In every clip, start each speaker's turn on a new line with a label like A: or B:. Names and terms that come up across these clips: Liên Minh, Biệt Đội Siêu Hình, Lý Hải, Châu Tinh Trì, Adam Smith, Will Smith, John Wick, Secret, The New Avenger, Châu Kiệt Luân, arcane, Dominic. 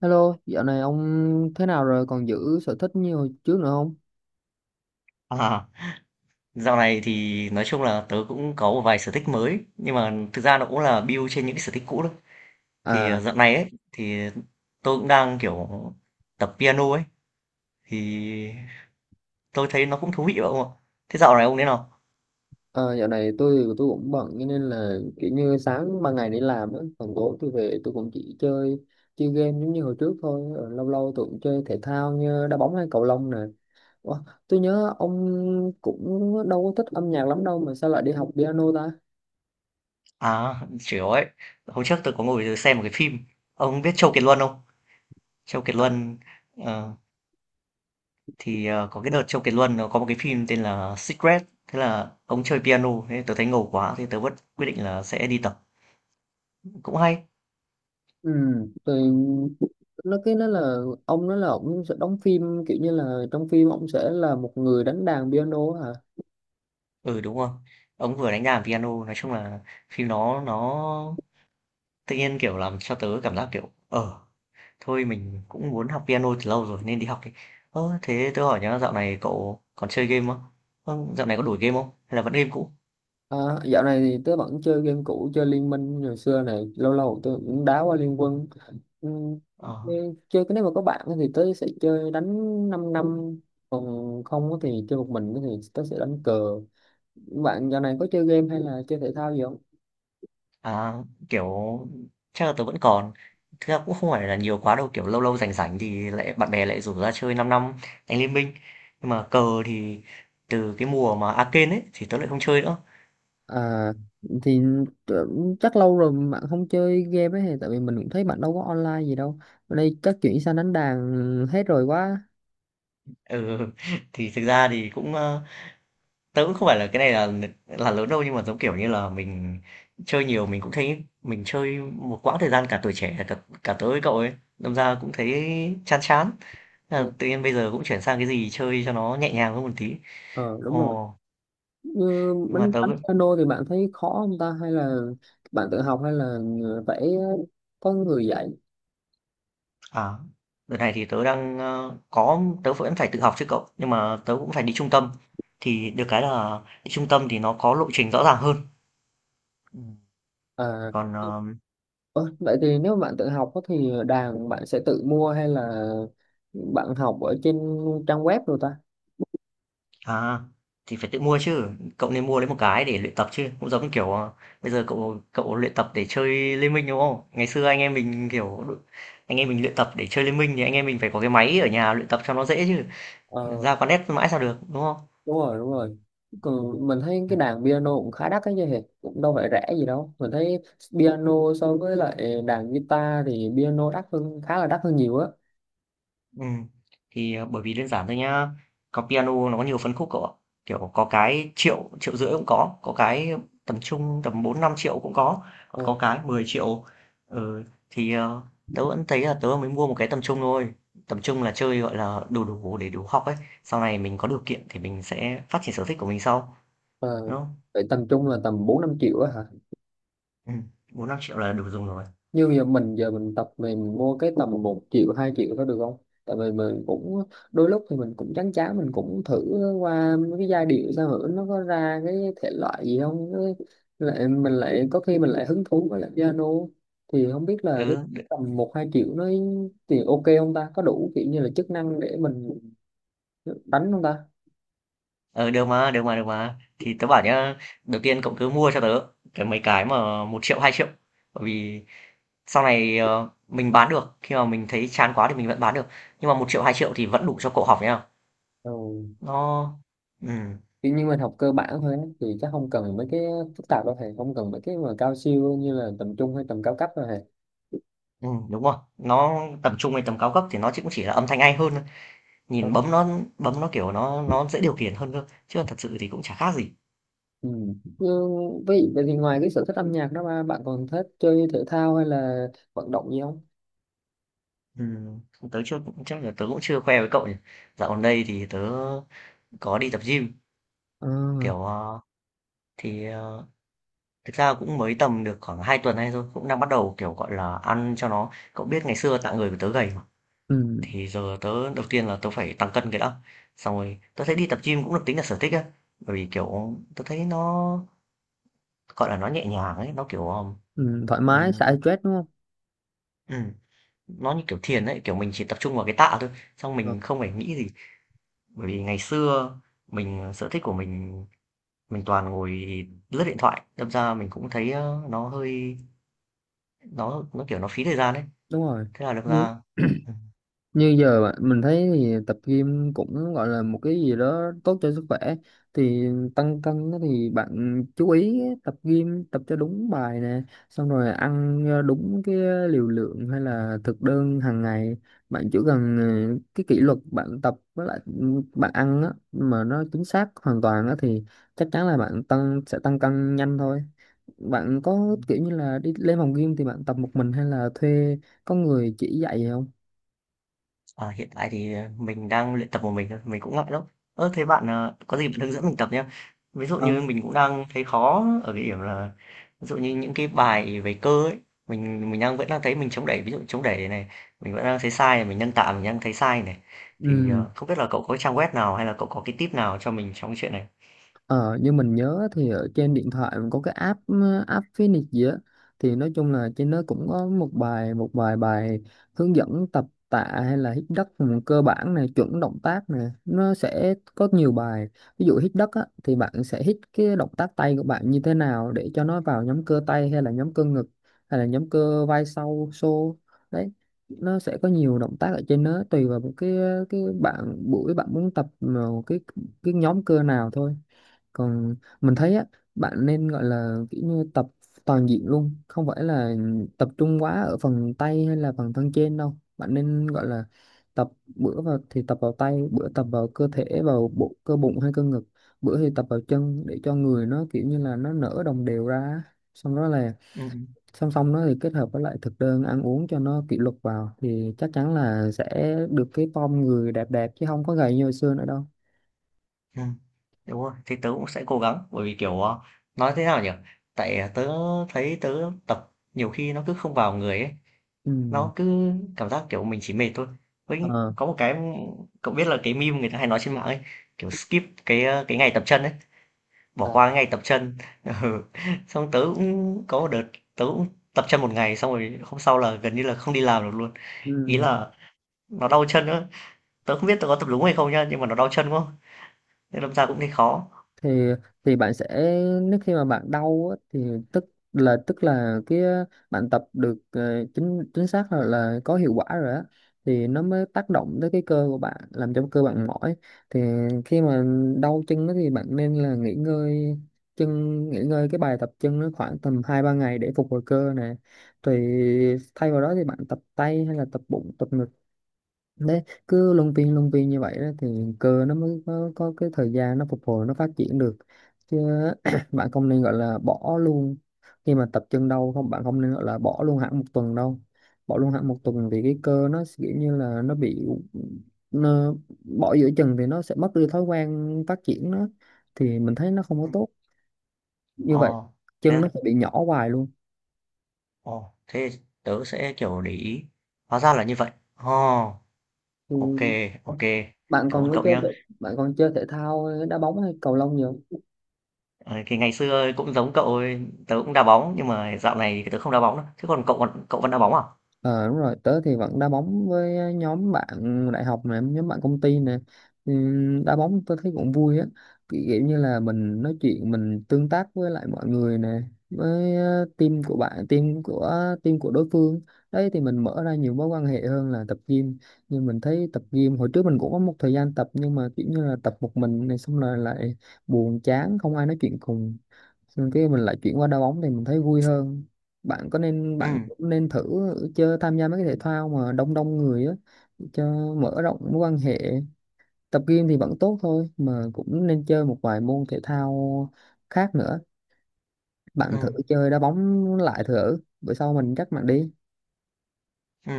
A: Hello, dạo này ông thế nào rồi? Còn giữ sở thích như hồi trước nữa không?
B: À, dạo này thì nói chung là tớ cũng có một vài sở thích mới nhưng mà thực ra nó cũng là build trên những cái sở thích cũ thôi. Thì
A: À,
B: dạo này ấy thì tôi cũng đang kiểu tập piano ấy thì tôi thấy nó cũng thú vị không ạ? Thế dạo này ông thế nào?
A: ờ, dạo này tôi cũng bận cho nên là kiểu như sáng ban ngày đi làm á, còn tối tôi về tôi cũng chỉ chơi chơi game giống như hồi trước thôi. Ờ, lâu lâu tôi cũng chơi thể thao như đá bóng hay cầu lông nè. Ủa, tôi nhớ ông cũng đâu có thích âm nhạc lắm đâu mà sao lại đi học piano ta?
B: À, chịu ấy. Hôm trước tôi có ngồi xem một cái phim. Ông biết Châu Kiệt Luân không? Châu Kiệt Luân ờ, có cái đợt Châu Kiệt Luân nó có một cái phim tên là Secret. Thế là ông chơi piano, thế tôi thấy ngầu quá, thế tớ vẫn quyết định là sẽ đi tập. Cũng hay.
A: Ừ, thì nó là ông nói là ông sẽ đóng phim kiểu như là trong phim ông sẽ là một người đánh đàn piano hả?
B: Ừ, đúng rồi. Ông vừa đánh đàn piano, nói chung là phim nó tự nhiên, kiểu, làm cho tớ cảm giác, kiểu, thôi mình cũng muốn học piano từ lâu rồi nên đi học đi. Ơ, thế tớ hỏi nhá, dạo này cậu còn chơi game không? Ơ, dạo này có đổi game không? Hay là vẫn game cũ?
A: À, dạo này thì tớ vẫn chơi game cũ, chơi Liên Minh hồi xưa này, lâu lâu tớ cũng đá qua Liên Quân. Ừ,
B: Ờ,
A: nên chơi cái nếu mà có bạn thì tớ sẽ chơi đánh 5 năm, còn không á thì chơi một mình thì tớ sẽ đánh cờ. Bạn dạo này có chơi game hay là chơi thể thao gì không?
B: à, kiểu, chắc là tớ vẫn còn. Thực ra cũng không phải là nhiều quá đâu, kiểu lâu lâu rảnh rảnh thì lại bạn bè lại rủ ra chơi 5 năm đánh Liên Minh. Nhưng mà cờ thì từ cái mùa mà arcane ấy thì tớ lại không chơi nữa.
A: à thì tớ- Chắc lâu rồi bạn không chơi game ấy, thì tại vì mình cũng thấy bạn đâu có online gì đâu. Ở đây chắc chuyển sang đánh đàn hết rồi quá.
B: Ừ, thì thực ra thì cũng, tớ cũng không phải là cái này là lớn đâu, nhưng mà, giống kiểu như là, mình chơi nhiều mình cũng thấy mình chơi một quãng thời gian cả tuổi trẻ, cả cả tớ với cậu ấy, đâm ra cũng thấy chán chán, thế là
A: Ừ,
B: tự nhiên bây giờ cũng chuyển sang cái gì chơi cho nó nhẹ nhàng hơn một tí.
A: ờ, đúng rồi.
B: Ồ,
A: Như
B: nhưng mà
A: bánh
B: tớ
A: bánh
B: cũng
A: piano thì bạn thấy khó không ta, hay là bạn tự học hay là phải có người dạy
B: à, đợt này thì tớ đang, ơ, có tớ vẫn phải tự học chứ cậu, nhưng mà tớ cũng phải đi trung tâm, thì được cái là đi trung tâm thì nó có lộ trình rõ ràng hơn. Ừm,
A: à?
B: còn, ờ
A: Ơ, vậy thì nếu mà bạn tự học á thì đàn bạn sẽ tự mua hay là bạn học ở trên trang web rồi ta?
B: À, thì phải tự mua chứ, cậu nên mua lấy một cái để luyện tập chứ, cũng giống kiểu bây giờ cậu cậu luyện tập để chơi Liên Minh đúng không? Ngày xưa anh em mình kiểu anh em mình luyện tập để chơi Liên Minh thì anh em mình phải có cái máy ở nhà luyện tập cho nó dễ chứ,
A: Ờ,
B: ra quán net mãi sao được đúng không?
A: đúng rồi, đúng rồi. Còn mình thấy cái đàn piano cũng khá đắt ấy chứ hề, cũng đâu phải rẻ gì đâu mình thấy. Piano so với lại đàn guitar thì piano đắt hơn, khá là đắt hơn nhiều á.
B: Ừ bởi vì đơn giản thôi nhá, có piano nó có nhiều phân khúc cậu ạ. Kiểu, có cái triệu triệu rưỡi cũng có cái tầm trung tầm bốn năm triệu cũng có, còn
A: Ờ.
B: có cái mười triệu. Ừ, thì, ờ, tớ vẫn thấy là tớ mới mua một cái tầm trung thôi, tầm trung là chơi, gọi là, đủ đủ để đủ học ấy, sau này mình có điều kiện thì mình sẽ phát triển sở thích của mình sau,
A: Ờ.
B: đúng không?
A: Vậy tầm trung là tầm bốn năm triệu á hả?
B: Ừm, 4.000.000 là đủ dùng rồi.
A: Như giờ mình tập, mình mua cái tầm một triệu hai triệu đó được không? Tại vì mình cũng đôi lúc thì mình cũng chán chán, mình cũng thử qua mấy cái giai điệu sao hử nó có ra cái thể loại gì không. Lại mình lại có khi mình lại hứng thú với lại piano, thì không biết là cái
B: Ừ,
A: tầm một hai triệu nó thì ok không ta, có đủ kiểu như là chức năng để mình đánh không ta.
B: Ừ, được mà, được mà, được mà. Thì tớ bảo nhá, đầu tiên cậu cứ mua cho tớ cái mấy cái mà một triệu, 2 triệu. Bởi vì sau này mình bán được, khi mà mình thấy chán quá thì mình vẫn bán được. Nhưng mà một triệu, 2 triệu thì vẫn đủ cho cậu học nhá.
A: Ừ.
B: Nó ừ,
A: Kiểu như mình học cơ bản thôi á, thì chắc không cần mấy cái phức tạp đâu thầy, không cần mấy cái mà cao siêu như là tầm trung hay tầm cao cấp đâu thầy.
B: ừ, đúng rồi. Nó tầm trung hay tầm cao cấp thì nó chỉ là âm thanh hay hơn thôi. Nhìn bấm nó kiểu nó dễ điều khiển hơn cơ. Chứ còn thật sự thì cũng chả khác gì.
A: Ừ. Nhưng vậy vậy thì ngoài cái sở thích âm nhạc đó ba, bạn còn thích chơi thể thao hay là vận động gì không?
B: Ừ, tớ chưa chắc là tớ cũng chưa khoe với cậu nhỉ. Dạo gần đây thì tớ có đi tập gym
A: Ờ.
B: kiểu thì ờ, thực ra cũng mới tầm được khoảng 2 tuần nay thôi, cũng đang bắt đầu, kiểu, gọi là, ăn cho nó, cậu biết ngày xưa tạng người của tớ gầy mà,
A: Ừ.
B: thì giờ tớ đầu tiên là tớ phải tăng cân cái đã, xong rồi tớ thấy đi tập gym cũng được tính là sở thích á, bởi vì, kiểu, tớ thấy nó, gọi là, nó nhẹ nhàng ấy, nó,
A: Ừ, thoải mái xả
B: ừm,
A: stress đúng không?
B: ừm, nó như kiểu thiền ấy, kiểu, mình chỉ tập trung vào cái tạ thôi, xong
A: Ờ,
B: mình không phải nghĩ gì. Bởi vì ngày xưa mình sở thích của mình toàn ngồi lướt điện thoại, đâm ra mình cũng thấy, nó hơi kiểu, nó phí thời gian ấy.
A: đúng rồi.
B: Thế là được ra ừm,
A: Như mình thấy thì tập gym cũng gọi là một cái gì đó tốt cho sức khỏe, thì tăng cân á thì bạn chú ý tập gym tập cho đúng bài nè, xong rồi ăn đúng cái liều lượng hay là thực đơn hàng ngày. Bạn chỉ cần cái kỷ luật bạn tập với lại ừ, bạn ăn á mà nó chính xác hoàn toàn á thì chắc chắn là bạn sẽ tăng cân nhanh thôi. Bạn có kiểu như là đi lên phòng gym thì bạn tập một mình hay là thuê có người chỉ dạy không?
B: ờ, hiện tại thì, mình đang luyện tập một mình thôi, mình cũng ngại lắm. Ơ, thế bạn, có gì bạn hướng dẫn mình tập nhá. Ví dụ như
A: Ờ.
B: mình cũng đang thấy khó ở cái điểm là ví dụ như những cái bài về cơ ấy, mình đang vẫn đang thấy mình chống đẩy, ví dụ chống đẩy này, mình vẫn đang thấy sai này, mình nâng tạ mình đang thấy sai này. Thì,
A: Ừ.
B: không biết là cậu có trang web nào hay là cậu có cái tip nào cho mình trong cái chuyện này?
A: Ờ, như mình nhớ thì ở trên điện thoại mình có cái app app Phoenix gì á, thì nói chung là trên đó cũng có một vài bài hướng dẫn tập tạ hay là hít đất cơ bản này, chuẩn động tác này, nó sẽ có nhiều bài. Ví dụ hít đất á, thì bạn sẽ hít cái động tác tay của bạn như thế nào để cho nó vào nhóm cơ tay hay là nhóm cơ ngực hay là nhóm cơ vai sau xô đấy. Nó sẽ có nhiều động tác ở trên đó, tùy vào một cái bạn buổi bạn muốn tập một cái nhóm cơ nào thôi. Còn mình thấy á, bạn nên gọi là kiểu như tập toàn diện luôn, không phải là tập trung quá ở phần tay hay là phần thân trên đâu. Bạn nên gọi là tập, bữa vào thì tập vào tay, bữa tập vào cơ thể vào bộ cơ bụng hay cơ ngực, bữa thì tập vào chân, để cho người nó kiểu như là nó nở đồng đều ra. Xong đó là
B: Ừm, ừm,
A: song song nó thì kết hợp với lại thực đơn ăn uống cho nó kỷ luật vào thì chắc chắn là sẽ được cái form người đẹp đẹp chứ không có gầy như hồi xưa nữa đâu.
B: ừm, đúng rồi, thế tớ cũng sẽ cố gắng, bởi vì, kiểu, nói thế nào nhỉ? Tại, tớ thấy tớ tập nhiều khi nó cứ không vào người ấy,
A: Ừ.
B: nó cứ cảm giác kiểu mình chỉ mệt thôi, với
A: Ờ.
B: có một cái, cậu biết là cái meme người ta hay nói trên mạng ấy, kiểu skip cái cái ngày tập chân ấy, bỏ
A: À.
B: qua cái ngày tập chân. Ừ, xong tớ cũng có một đợt tớ cũng tập chân một ngày xong rồi hôm sau là gần như là không đi làm được luôn, ý
A: Ừ.
B: là nó đau chân nữa, tớ không biết tớ có tập đúng hay không nhá nhưng mà nó đau chân quá nên đâm ra cũng thấy khó.
A: thì thì bạn sẽ, nếu khi mà bạn đau á, thì tức tức là cái bạn tập được chính chính xác là có hiệu quả rồi á, thì nó mới tác động tới cái cơ của bạn làm cho cơ bạn mỏi. Thì khi mà đau chân đó thì bạn nên là nghỉ ngơi chân, nghỉ ngơi cái bài tập chân nó khoảng tầm hai ba ngày để phục hồi cơ nè. Thì thay vào đó thì bạn tập tay hay là tập bụng tập ngực đấy, cứ luân phiên như vậy đó thì cơ nó mới có cái thời gian nó phục hồi, nó phát triển được chứ. Bạn không nên gọi là bỏ luôn, khi mà tập chân đau không bạn không nên gọi là bỏ luôn hẳn một tuần đâu. Bỏ luôn hẳn một tuần thì cái cơ nó sẽ kiểu như là nó bị nó, bỏ giữa chừng thì nó sẽ mất đi thói quen phát triển nó, thì mình thấy nó không có
B: Ừ,
A: tốt như vậy.
B: ờ thế
A: Chân
B: à?
A: nó sẽ bị nhỏ hoài luôn.
B: Ồ, thế tớ sẽ kiểu để ý, hóa ra là như vậy. Ồ,
A: Ừ.
B: ok, ok,
A: bạn
B: cảm
A: còn
B: ơn
A: có
B: cậu
A: chơi
B: nhá.
A: thể- Bạn còn chơi thể thao đá bóng hay cầu lông nhiều?
B: Ờ, thì ngày xưa cũng giống cậu ấy, tớ cũng đá bóng nhưng mà dạo này thì tớ không đá bóng nữa. Thế còn cậu, còn cậu vẫn đá bóng à?
A: Ờ đúng rồi, tớ thì vẫn đá bóng với nhóm bạn đại học nè, nhóm bạn công ty nè. Ừ, đá bóng tớ thấy cũng vui á. Kiểu kiểu như là mình nói chuyện, mình tương tác với lại mọi người nè, với team của bạn, team của đối phương. Đấy thì mình mở ra nhiều mối quan hệ hơn là tập gym. Nhưng mình thấy tập gym hồi trước mình cũng có một thời gian tập, nhưng mà kiểu như là tập một mình này xong rồi lại buồn chán, không ai nói chuyện cùng, xong cái mình lại chuyển qua đá bóng thì mình thấy vui hơn. bạn có nên
B: Ừ,
A: bạn cũng nên thử chơi, tham gia mấy cái thể thao mà đông đông người á cho mở rộng mối quan hệ. Tập gym thì vẫn tốt thôi mà cũng nên chơi một vài môn thể thao khác nữa. Bạn thử
B: ừ,
A: chơi đá bóng lại thử, bữa sau mình dắt bạn đi.
B: ừ.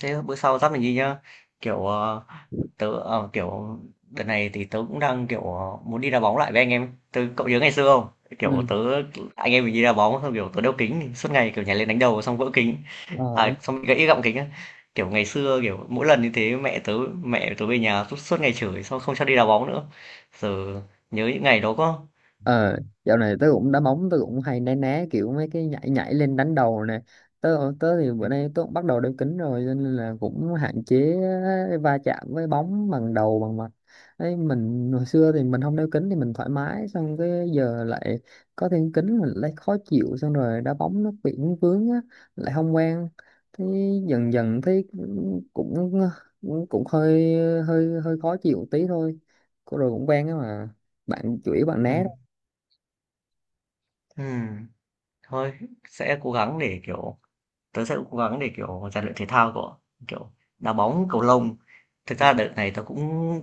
B: Thế bữa sau dắt mình đi nhá. Kiểu kiểu đợt này thì tớ cũng đang kiểu muốn đi đá bóng lại với anh em. Cậu nhớ ngày xưa không? Kiểu
A: Ừ.
B: tớ Anh em mình đi đá bóng xong kiểu tớ đeo kính suốt ngày kiểu nhảy lên đánh đầu xong vỡ kính.
A: Ờ,
B: À, xong gãy gọng kính á. Kiểu ngày xưa kiểu mỗi lần như thế mẹ tớ về nhà suốt suốt ngày chửi xong không cho đi đá bóng nữa. Giờ nhớ những ngày đó quá.
A: ờ, dạo này tớ cũng đá bóng, tớ cũng hay né né kiểu mấy cái nhảy nhảy lên đánh đầu nè. Tớ tớ thì
B: Ừ.
A: bữa nay tớ cũng bắt đầu đeo kính rồi cho nên là cũng hạn chế va chạm với bóng bằng đầu bằng mặt ấy. Mình hồi xưa thì mình không đeo kính thì mình thoải mái, xong cái giờ lại có thêm kính mình lại khó chịu, xong rồi đá bóng nó bị vướng á, lại không quen. Thế dần dần thấy cũng cũng cũng hơi hơi hơi khó chịu tí thôi. Cô rồi cũng quen á mà, bạn chửi bạn
B: Ừ,
A: né.
B: ừm, thôi sẽ cố gắng để, kiểu tớ sẽ cố gắng để, kiểu, rèn luyện thể thao của, kiểu, đá bóng, cầu lông. Thực ra đợt này tớ cũng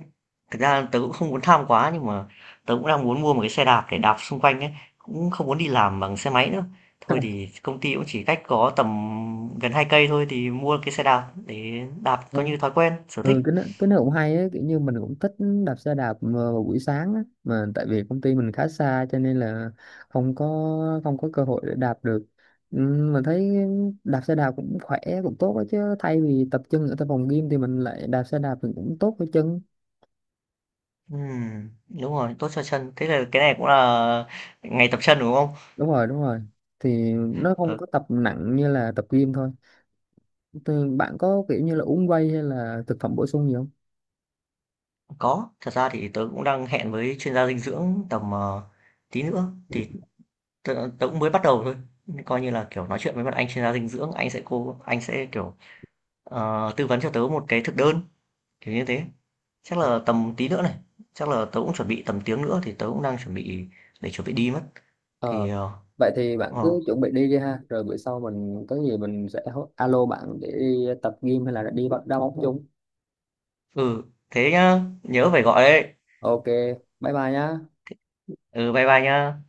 B: thực ra tớ cũng không muốn tham quá nhưng mà tớ cũng đang muốn mua một cái xe đạp để đạp xung quanh ấy, cũng không muốn đi làm bằng xe máy nữa. Thôi thì công ty cũng chỉ cách có tầm gần 2 cây thôi thì mua cái xe đạp để đạp coi
A: Vâng.
B: như thói quen, sở
A: Ừ,
B: thích.
A: cái nó cũng hay ấy, kiểu như mình cũng thích đạp xe đạp mà vào buổi sáng á, mà tại vì công ty mình khá xa cho nên là không có không có cơ hội để đạp được. Ừ, mình thấy đạp xe đạp cũng khỏe cũng tốt ấy, chứ thay vì tập chân ở tại phòng gym thì mình lại đạp xe đạp thì cũng tốt cho chân.
B: Ừ, đúng rồi, tốt cho chân. Thế là cái này cũng là ngày tập chân, đúng không?
A: Đúng rồi, đúng rồi, thì nó không
B: Ừ.
A: có tập nặng như là tập gym thôi. Thì bạn có kiểu như là uống whey hay là thực phẩm bổ sung gì không?
B: Có, thật ra thì tớ cũng đang hẹn với chuyên gia dinh dưỡng tầm, tí nữa, thì tớ tớ cũng mới bắt đầu thôi, coi như là, kiểu, nói chuyện với một anh chuyên gia dinh dưỡng, anh sẽ, kiểu, tư vấn cho tớ một cái thực đơn, kiểu như thế. Chắc là tầm tí nữa này, chắc là tớ cũng chuẩn bị tầm tiếng nữa thì tớ cũng đang chuẩn bị để chuẩn bị đi mất. Thì,
A: Ờ,
B: ờ,
A: vậy thì bạn
B: ờ,
A: cứ chuẩn bị đi đi ha, rồi bữa sau mình có gì mình sẽ alo bạn để đi tập gym hay là đi bắt đá bóng chung.
B: ừ, thế nhá,
A: Ờ,
B: nhớ phải gọi đấy.
A: ok, bye bye nhá.
B: Ừ, bye bye nhá.